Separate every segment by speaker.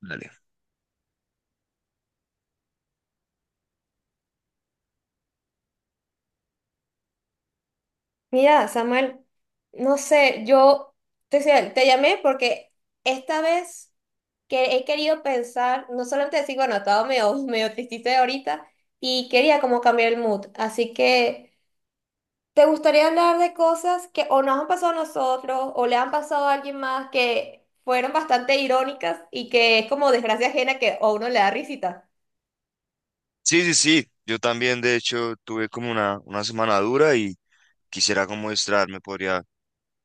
Speaker 1: Dale.
Speaker 2: Mira, Samuel, no sé, te llamé porque esta vez que he querido pensar, no solamente decir, bueno, estaba medio, medio tristita ahorita y quería como cambiar el mood. Así que, ¿te gustaría hablar de cosas que o nos han pasado a nosotros o le han pasado a alguien más que fueron bastante irónicas y que es como desgracia ajena que a uno le da risita?
Speaker 1: Sí, sí, sí. Yo también, de hecho, tuve como una semana dura y quisiera como distraerme.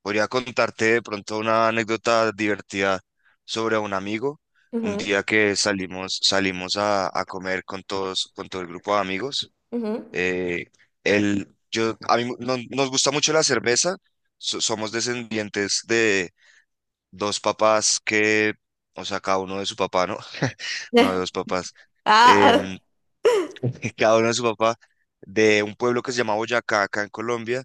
Speaker 1: Podría contarte de pronto una anécdota divertida sobre un amigo. Un
Speaker 2: Ujú,
Speaker 1: día que salimos a comer con todos, con todo el grupo de amigos.
Speaker 2: ujú.
Speaker 1: Eh, a mí nos gusta mucho la cerveza. Somos descendientes de dos papás que, o sea, cada uno de su papá, ¿no? No de dos papás.
Speaker 2: Ah.
Speaker 1: Em, Cada uno de su papá, de un pueblo que se llama Boyacá, acá en Colombia.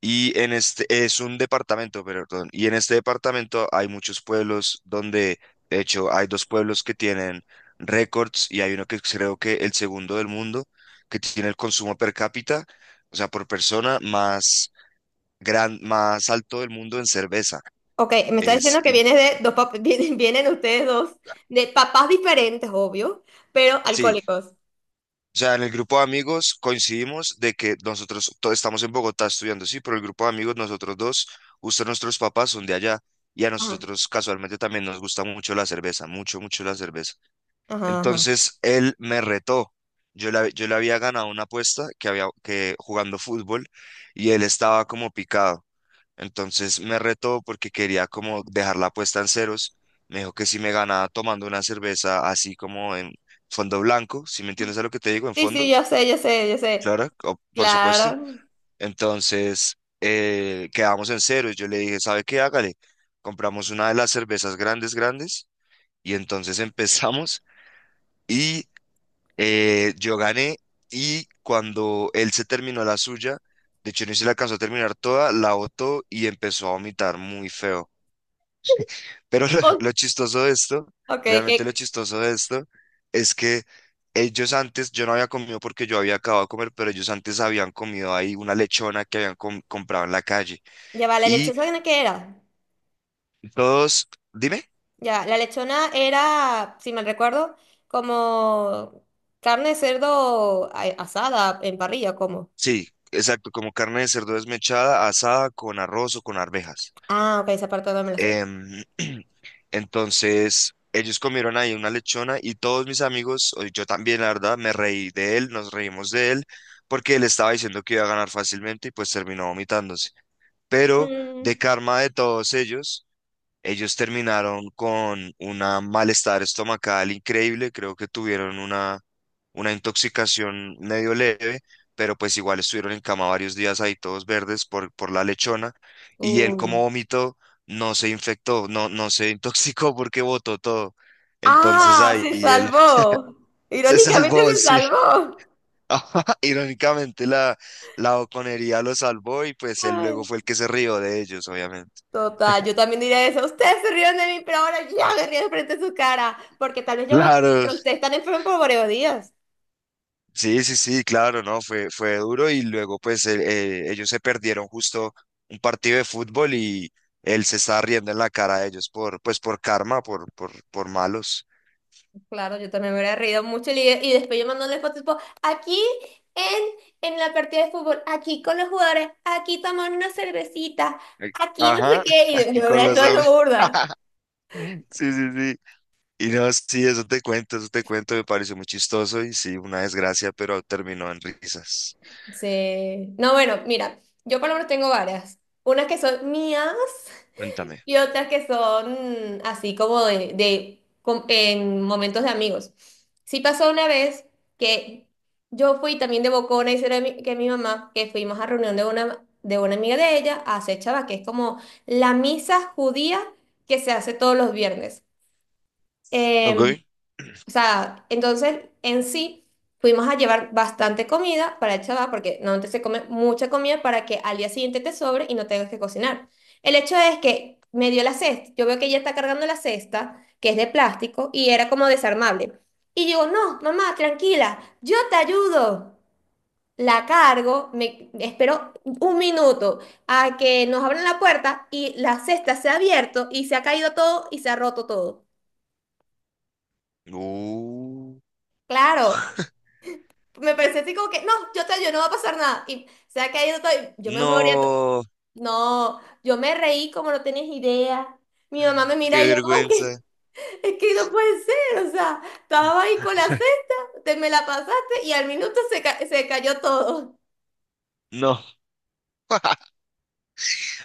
Speaker 1: Y en este es un departamento, perdón. Y en este departamento hay muchos pueblos donde, de hecho, hay dos pueblos que tienen récords y hay uno que creo que el segundo del mundo, que tiene el consumo per cápita, o sea, por persona más más alto del mundo en cerveza.
Speaker 2: Ok, me está
Speaker 1: Es,
Speaker 2: diciendo que
Speaker 1: in-
Speaker 2: vienes de dos pap- vienen ustedes dos de papás diferentes, obvio, pero
Speaker 1: sí,
Speaker 2: alcohólicos.
Speaker 1: o sea, en el grupo de amigos coincidimos de que nosotros todos estamos en Bogotá estudiando, sí, pero el grupo de amigos, nosotros dos, justo nuestros papás son de allá y a
Speaker 2: Ajá,
Speaker 1: nosotros casualmente también nos gusta mucho la cerveza, mucho, mucho la cerveza.
Speaker 2: ajá, ajá.
Speaker 1: Entonces él me retó. Yo le había ganado una apuesta que había que jugando fútbol y él estaba como picado. Entonces me retó porque quería como dejar la apuesta en ceros. Me dijo que si me ganaba tomando una cerveza así como en fondo blanco, si me entiendes a lo que te digo, en
Speaker 2: Sí, sí, yo
Speaker 1: fondos,
Speaker 2: sé, yo sé, yo sé.
Speaker 1: claro, por supuesto.
Speaker 2: Claro.
Speaker 1: Entonces quedamos en ceros. Yo le dije, ¿sabe qué? Hágale. Compramos una de las cervezas grandes, grandes y entonces empezamos. Y yo gané y cuando él se terminó la suya, de hecho no se la alcanzó a terminar toda, la botó y empezó a vomitar muy feo. Pero lo,
Speaker 2: Oh,
Speaker 1: lo chistoso de esto,
Speaker 2: ok,
Speaker 1: realmente lo
Speaker 2: que
Speaker 1: chistoso de esto, es que ellos antes, yo no había comido porque yo había acabado de comer, pero ellos antes habían comido ahí una lechona que comprado en la calle.
Speaker 2: ya va, ¿la
Speaker 1: Y
Speaker 2: lechona qué era?
Speaker 1: todos, dime,
Speaker 2: Ya, la lechona era, si mal recuerdo, como carne de cerdo asada en parrilla, como.
Speaker 1: sí, exacto, como carne de cerdo desmechada, asada con arroz o con arvejas.
Speaker 2: Ah, ok, esa parte no me la sé.
Speaker 1: Em, entonces, ellos comieron ahí una lechona y todos mis amigos, o yo también, la verdad, me reí de él, nos reímos de él, porque él estaba diciendo que iba a ganar fácilmente y pues terminó vomitándose. Pero de
Speaker 2: Mm,
Speaker 1: karma de todos ellos, ellos terminaron con un malestar estomacal increíble, creo que tuvieron una intoxicación medio leve, pero pues igual estuvieron en cama varios días ahí todos verdes por la lechona y él
Speaker 2: uy.
Speaker 1: como vomitó no se infectó, no, no se intoxicó porque votó todo. Entonces
Speaker 2: Ah,
Speaker 1: ahí
Speaker 2: se
Speaker 1: él
Speaker 2: salvó.
Speaker 1: se
Speaker 2: Irónicamente
Speaker 1: salvó,
Speaker 2: se
Speaker 1: sí.
Speaker 2: salvó.
Speaker 1: Ajá, irónicamente la Oconería lo salvó y pues él luego
Speaker 2: Ay,
Speaker 1: fue el que se rió de ellos, obviamente.
Speaker 2: total, yo también diría eso. Ustedes se rieron de mí, pero ahora yo me río frente a su cara, porque tal vez yo,
Speaker 1: Claro,
Speaker 2: pero ustedes están enfermos por varios días.
Speaker 1: sí, sí, sí, claro, no, fue duro y luego pues ellos se perdieron justo un partido de fútbol y él se estaba riendo en la cara de ellos por, pues por karma, por malos.
Speaker 2: Claro, yo también me hubiera reído mucho y después yo mandándole fotos tipo, aquí en la partida de fútbol, aquí con los jugadores, aquí tomando una cervecita,
Speaker 1: Eh,
Speaker 2: aquí no sé
Speaker 1: Ajá,
Speaker 2: qué, y yo
Speaker 1: aquí
Speaker 2: me
Speaker 1: con
Speaker 2: hubiera
Speaker 1: los...
Speaker 2: hecho eso
Speaker 1: amigos.
Speaker 2: burda.
Speaker 1: Sí, sí, sí. Y no, sí, eso te cuento, me pareció muy chistoso y sí, una desgracia, pero terminó en risas.
Speaker 2: Sí. No, bueno, mira, yo por lo menos tengo varias. Unas que son mías
Speaker 1: Cuéntame.
Speaker 2: y otras que son así como en momentos de amigos. Sí, pasó una vez que yo fui también de bocona y será que mi mamá, que fuimos a reunión de una amiga de ella a hacer chava, que es como la misa judía que se hace todos los viernes.
Speaker 1: Ok.
Speaker 2: Em, o sea, entonces en sí fuimos a llevar bastante comida para el chaval, porque normalmente se come mucha comida para que al día siguiente te sobre y no tengas que cocinar. El hecho es que me dio la cesta, yo veo que ella está cargando la cesta, que es de plástico, y era como desarmable. Y digo, no, mamá, tranquila, yo te ayudo. La cargo, me espero un minuto a que nos abran la puerta y la cesta se ha abierto y se ha caído todo y se ha roto todo.
Speaker 1: Uh,
Speaker 2: Claro. Me parece así como que, no, yo te ayudo, no va a pasar nada. Y, o sea, que ahí yo estoy, yo me moría,
Speaker 1: no,
Speaker 2: no, yo me reí como no tenías idea. Mi mamá me mira
Speaker 1: qué
Speaker 2: y yo como
Speaker 1: vergüenza.
Speaker 2: que, es que no puede ser, o sea, estaba ahí con la cesta, te me la pasaste y al minuto se cayó todo.
Speaker 1: No.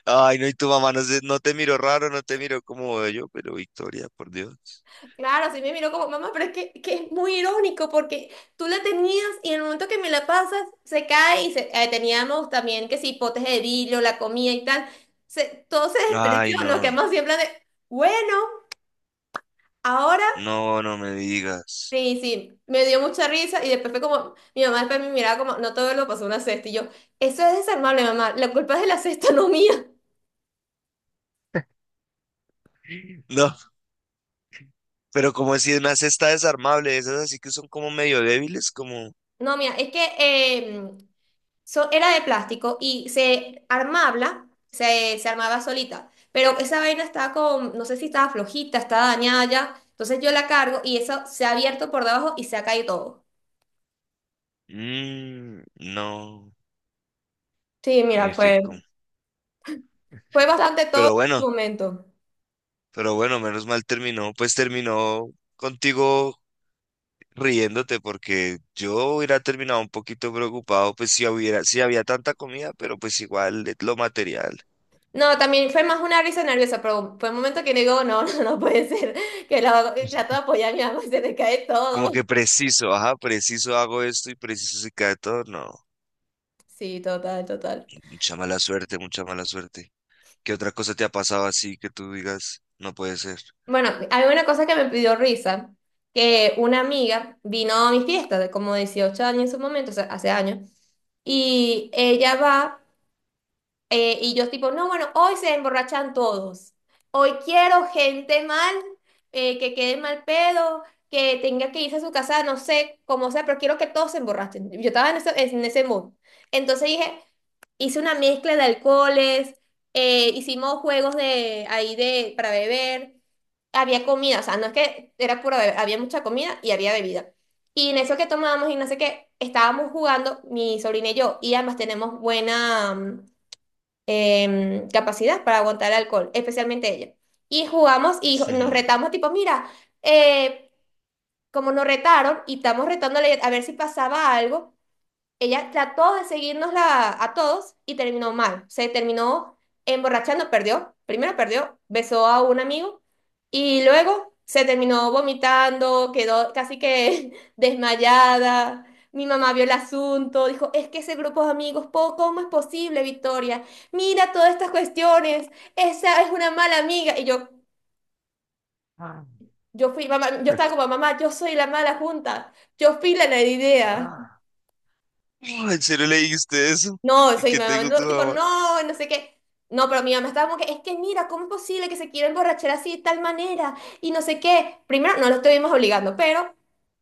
Speaker 1: Ay, no, y tu mamá no, no te miró raro, no te miró como yo pero Victoria, por Dios.
Speaker 2: Claro, así me miró como, mamá, pero es que es muy irónico porque tú la tenías y en el momento que me la pasas, se cae y teníamos también que si potes de vidrio, la comida y tal, todo se despreció,
Speaker 1: Ay,
Speaker 2: nos
Speaker 1: no,
Speaker 2: quedamos siempre de, bueno. Ahora,
Speaker 1: no, no me digas.
Speaker 2: sí, sí, me dio mucha risa y después fue como, mi mamá después me miraba como, no todo lo pasó una cesta y yo, eso es desarmable, mamá, la culpa es de la cesta, no mía.
Speaker 1: No, pero como si una cesta desarmable, esas así que son como medio débiles, como...
Speaker 2: No, mía, es que era de plástico y se armaba solita, pero esa vaina estaba como, no sé si estaba flojita, estaba dañada ya, entonces yo la cargo y eso se ha abierto por debajo y se ha caído todo.
Speaker 1: mm, no,
Speaker 2: Sí, mira,
Speaker 1: F,
Speaker 2: fue,
Speaker 1: como-
Speaker 2: fue bastante todo
Speaker 1: pero bueno,
Speaker 2: el momento.
Speaker 1: pero bueno, menos mal terminó, pues terminó contigo riéndote, porque yo hubiera terminado un poquito preocupado, pues si hubiera, si había tanta comida, pero pues igual lo material.
Speaker 2: No, también fue más una risa nerviosa, pero fue un momento que digo, no, no, no puede ser, que trato de apoyar a mi mamá y se le cae
Speaker 1: Como
Speaker 2: todo.
Speaker 1: que preciso, ajá, preciso hago esto y preciso se cae todo. No,
Speaker 2: Sí, total, total.
Speaker 1: mucha mala suerte, mucha mala suerte. ¿Qué otra cosa te ha pasado así que tú digas, no puede ser?
Speaker 2: Bueno, hay una cosa que me pidió risa, que una amiga vino a mi fiesta de como 18 años en su momento, o sea, hace años, y ella va. Y yo tipo, no, bueno, hoy se emborrachan todos. Hoy quiero gente mal, que quede mal pedo, que tenga que irse a su casa, no sé cómo sea, pero quiero que todos se emborrachen. Yo estaba en ese mood. Entonces dije, hice una mezcla de alcoholes, hicimos juegos de ahí para beber, había comida, o sea, no es que era pura bebida, había mucha comida y había bebida. Y en eso que tomábamos y no sé qué, estábamos jugando mi sobrina y yo, y además tenemos buena capacidad para aguantar el alcohol, especialmente ella. Y jugamos y nos retamos tipo, mira, eh, como nos retaron y estamos retándole a ver si pasaba algo, ella trató de seguirnos a todos y terminó mal. Se terminó emborrachando, perdió. Primero perdió, besó a un amigo y luego se terminó vomitando, quedó casi que desmayada. Mi mamá vio el asunto, dijo, es que ese grupo de amigos, ¿cómo es posible, Victoria? Mira todas estas cuestiones, esa es una mala amiga. Y yo,
Speaker 1: Ah,
Speaker 2: yo fui, mamá, yo estaba como mamá, yo soy la mala junta, yo fui la idea.
Speaker 1: ah. Oh, ¿en serio le dijiste eso?
Speaker 2: No,
Speaker 1: ¿Y
Speaker 2: soy mi
Speaker 1: qué te
Speaker 2: mamá,
Speaker 1: dijo
Speaker 2: no,
Speaker 1: tu
Speaker 2: tipo,
Speaker 1: mamá?
Speaker 2: no, no sé qué. No, pero mi mamá estaba como que, es que mira, ¿cómo es posible que se quiera emborrachar así de tal manera? Y no sé qué. Primero, no lo estuvimos obligando, pero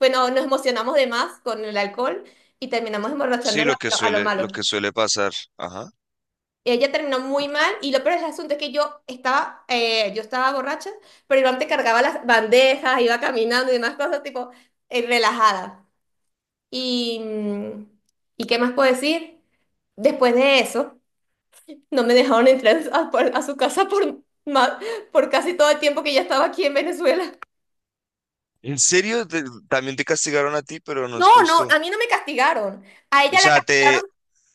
Speaker 2: bueno, nos emocionamos de más con el alcohol y terminamos
Speaker 1: Sí,
Speaker 2: emborrachándola pero a lo
Speaker 1: lo
Speaker 2: malo.
Speaker 1: que suele pasar. Ajá.
Speaker 2: Ella terminó muy mal y lo peor del asunto es que yo estaba borracha, pero Iván te cargaba las bandejas, iba caminando y demás cosas, tipo, relajada. Y, ¿y qué más puedo decir? Después de eso. No me dejaron entrar a su casa por casi todo el tiempo que ya estaba aquí en Venezuela.
Speaker 1: ¿En serio? Te- también te castigaron a ti, pero no
Speaker 2: No,
Speaker 1: es
Speaker 2: no,
Speaker 1: justo.
Speaker 2: a mí no me castigaron. A
Speaker 1: O
Speaker 2: ella la
Speaker 1: sea, te,
Speaker 2: castigaron,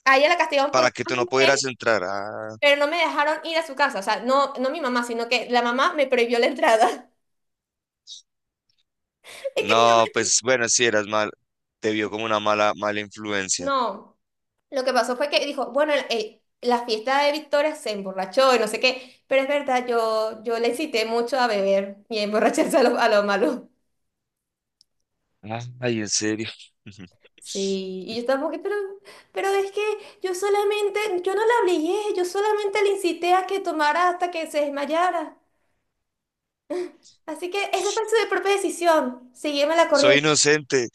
Speaker 2: por
Speaker 1: para que
Speaker 2: más
Speaker 1: tú
Speaker 2: de
Speaker 1: no
Speaker 2: un mes,
Speaker 1: pudieras entrar. Ah,
Speaker 2: pero no me dejaron ir a su casa. O sea, no, no mi mamá, sino que la mamá me prohibió la entrada. Es que mi mamá
Speaker 1: no, pues bueno, sí eras mal. Te vio como una mala, mala influencia.
Speaker 2: no, lo que pasó fue que dijo, bueno, la fiesta de Victoria se emborrachó y no sé qué, pero es verdad, yo le incité mucho a beber y a emborracharse a lo malo.
Speaker 1: Ah, ay, en serio.
Speaker 2: Sí, y yo estaba que pero es que yo no la obligué, yo solamente le incité a que tomara hasta que se desmayara. Así que esa fue su propia decisión, sígueme la
Speaker 1: Soy
Speaker 2: corriente.
Speaker 1: inocente.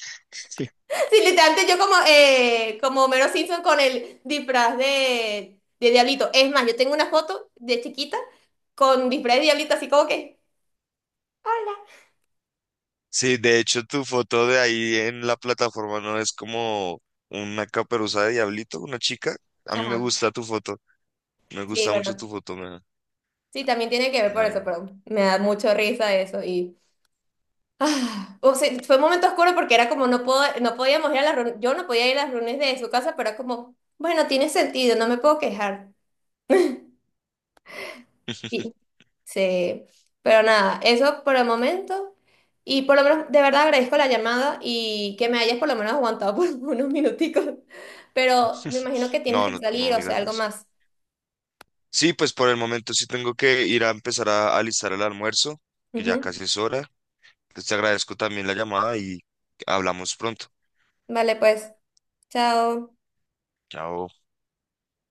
Speaker 2: Sí, literalmente como Homero Simpson con el disfraz de Diablito. Es más, yo tengo una foto de chiquita con disfraz de Diablito, así como que, hola.
Speaker 1: Sí, de hecho, tu foto de ahí en la plataforma no es como una caperuza de diablito, una chica. A mí me
Speaker 2: Ajá,
Speaker 1: gusta tu foto. Me
Speaker 2: sí,
Speaker 1: gusta mucho tu
Speaker 2: bueno,
Speaker 1: foto,
Speaker 2: sí, también tiene que ver
Speaker 1: me
Speaker 2: por
Speaker 1: da
Speaker 2: eso,
Speaker 1: un-
Speaker 2: pero me da mucho risa eso y... Ah, o sea, fue un momento oscuro porque era como no puedo, no podíamos ir a las reuniones, yo no podía ir a las reuniones de su casa, pero era como, bueno, tiene sentido, no me puedo quejar. Y, sí, pero nada, eso por el momento. Y por lo menos, de verdad agradezco la llamada y que me hayas por lo menos aguantado por unos minuticos. Pero me imagino que tienes
Speaker 1: No,
Speaker 2: que
Speaker 1: no,
Speaker 2: salir,
Speaker 1: no
Speaker 2: o sea,
Speaker 1: digas
Speaker 2: algo
Speaker 1: eso.
Speaker 2: más.
Speaker 1: Sí, pues por el momento sí tengo que ir a empezar a alistar el almuerzo, que ya
Speaker 2: Ujú.
Speaker 1: casi es hora. Pues te agradezco también la llamada y hablamos pronto.
Speaker 2: Vale, pues, chao.
Speaker 1: Chao.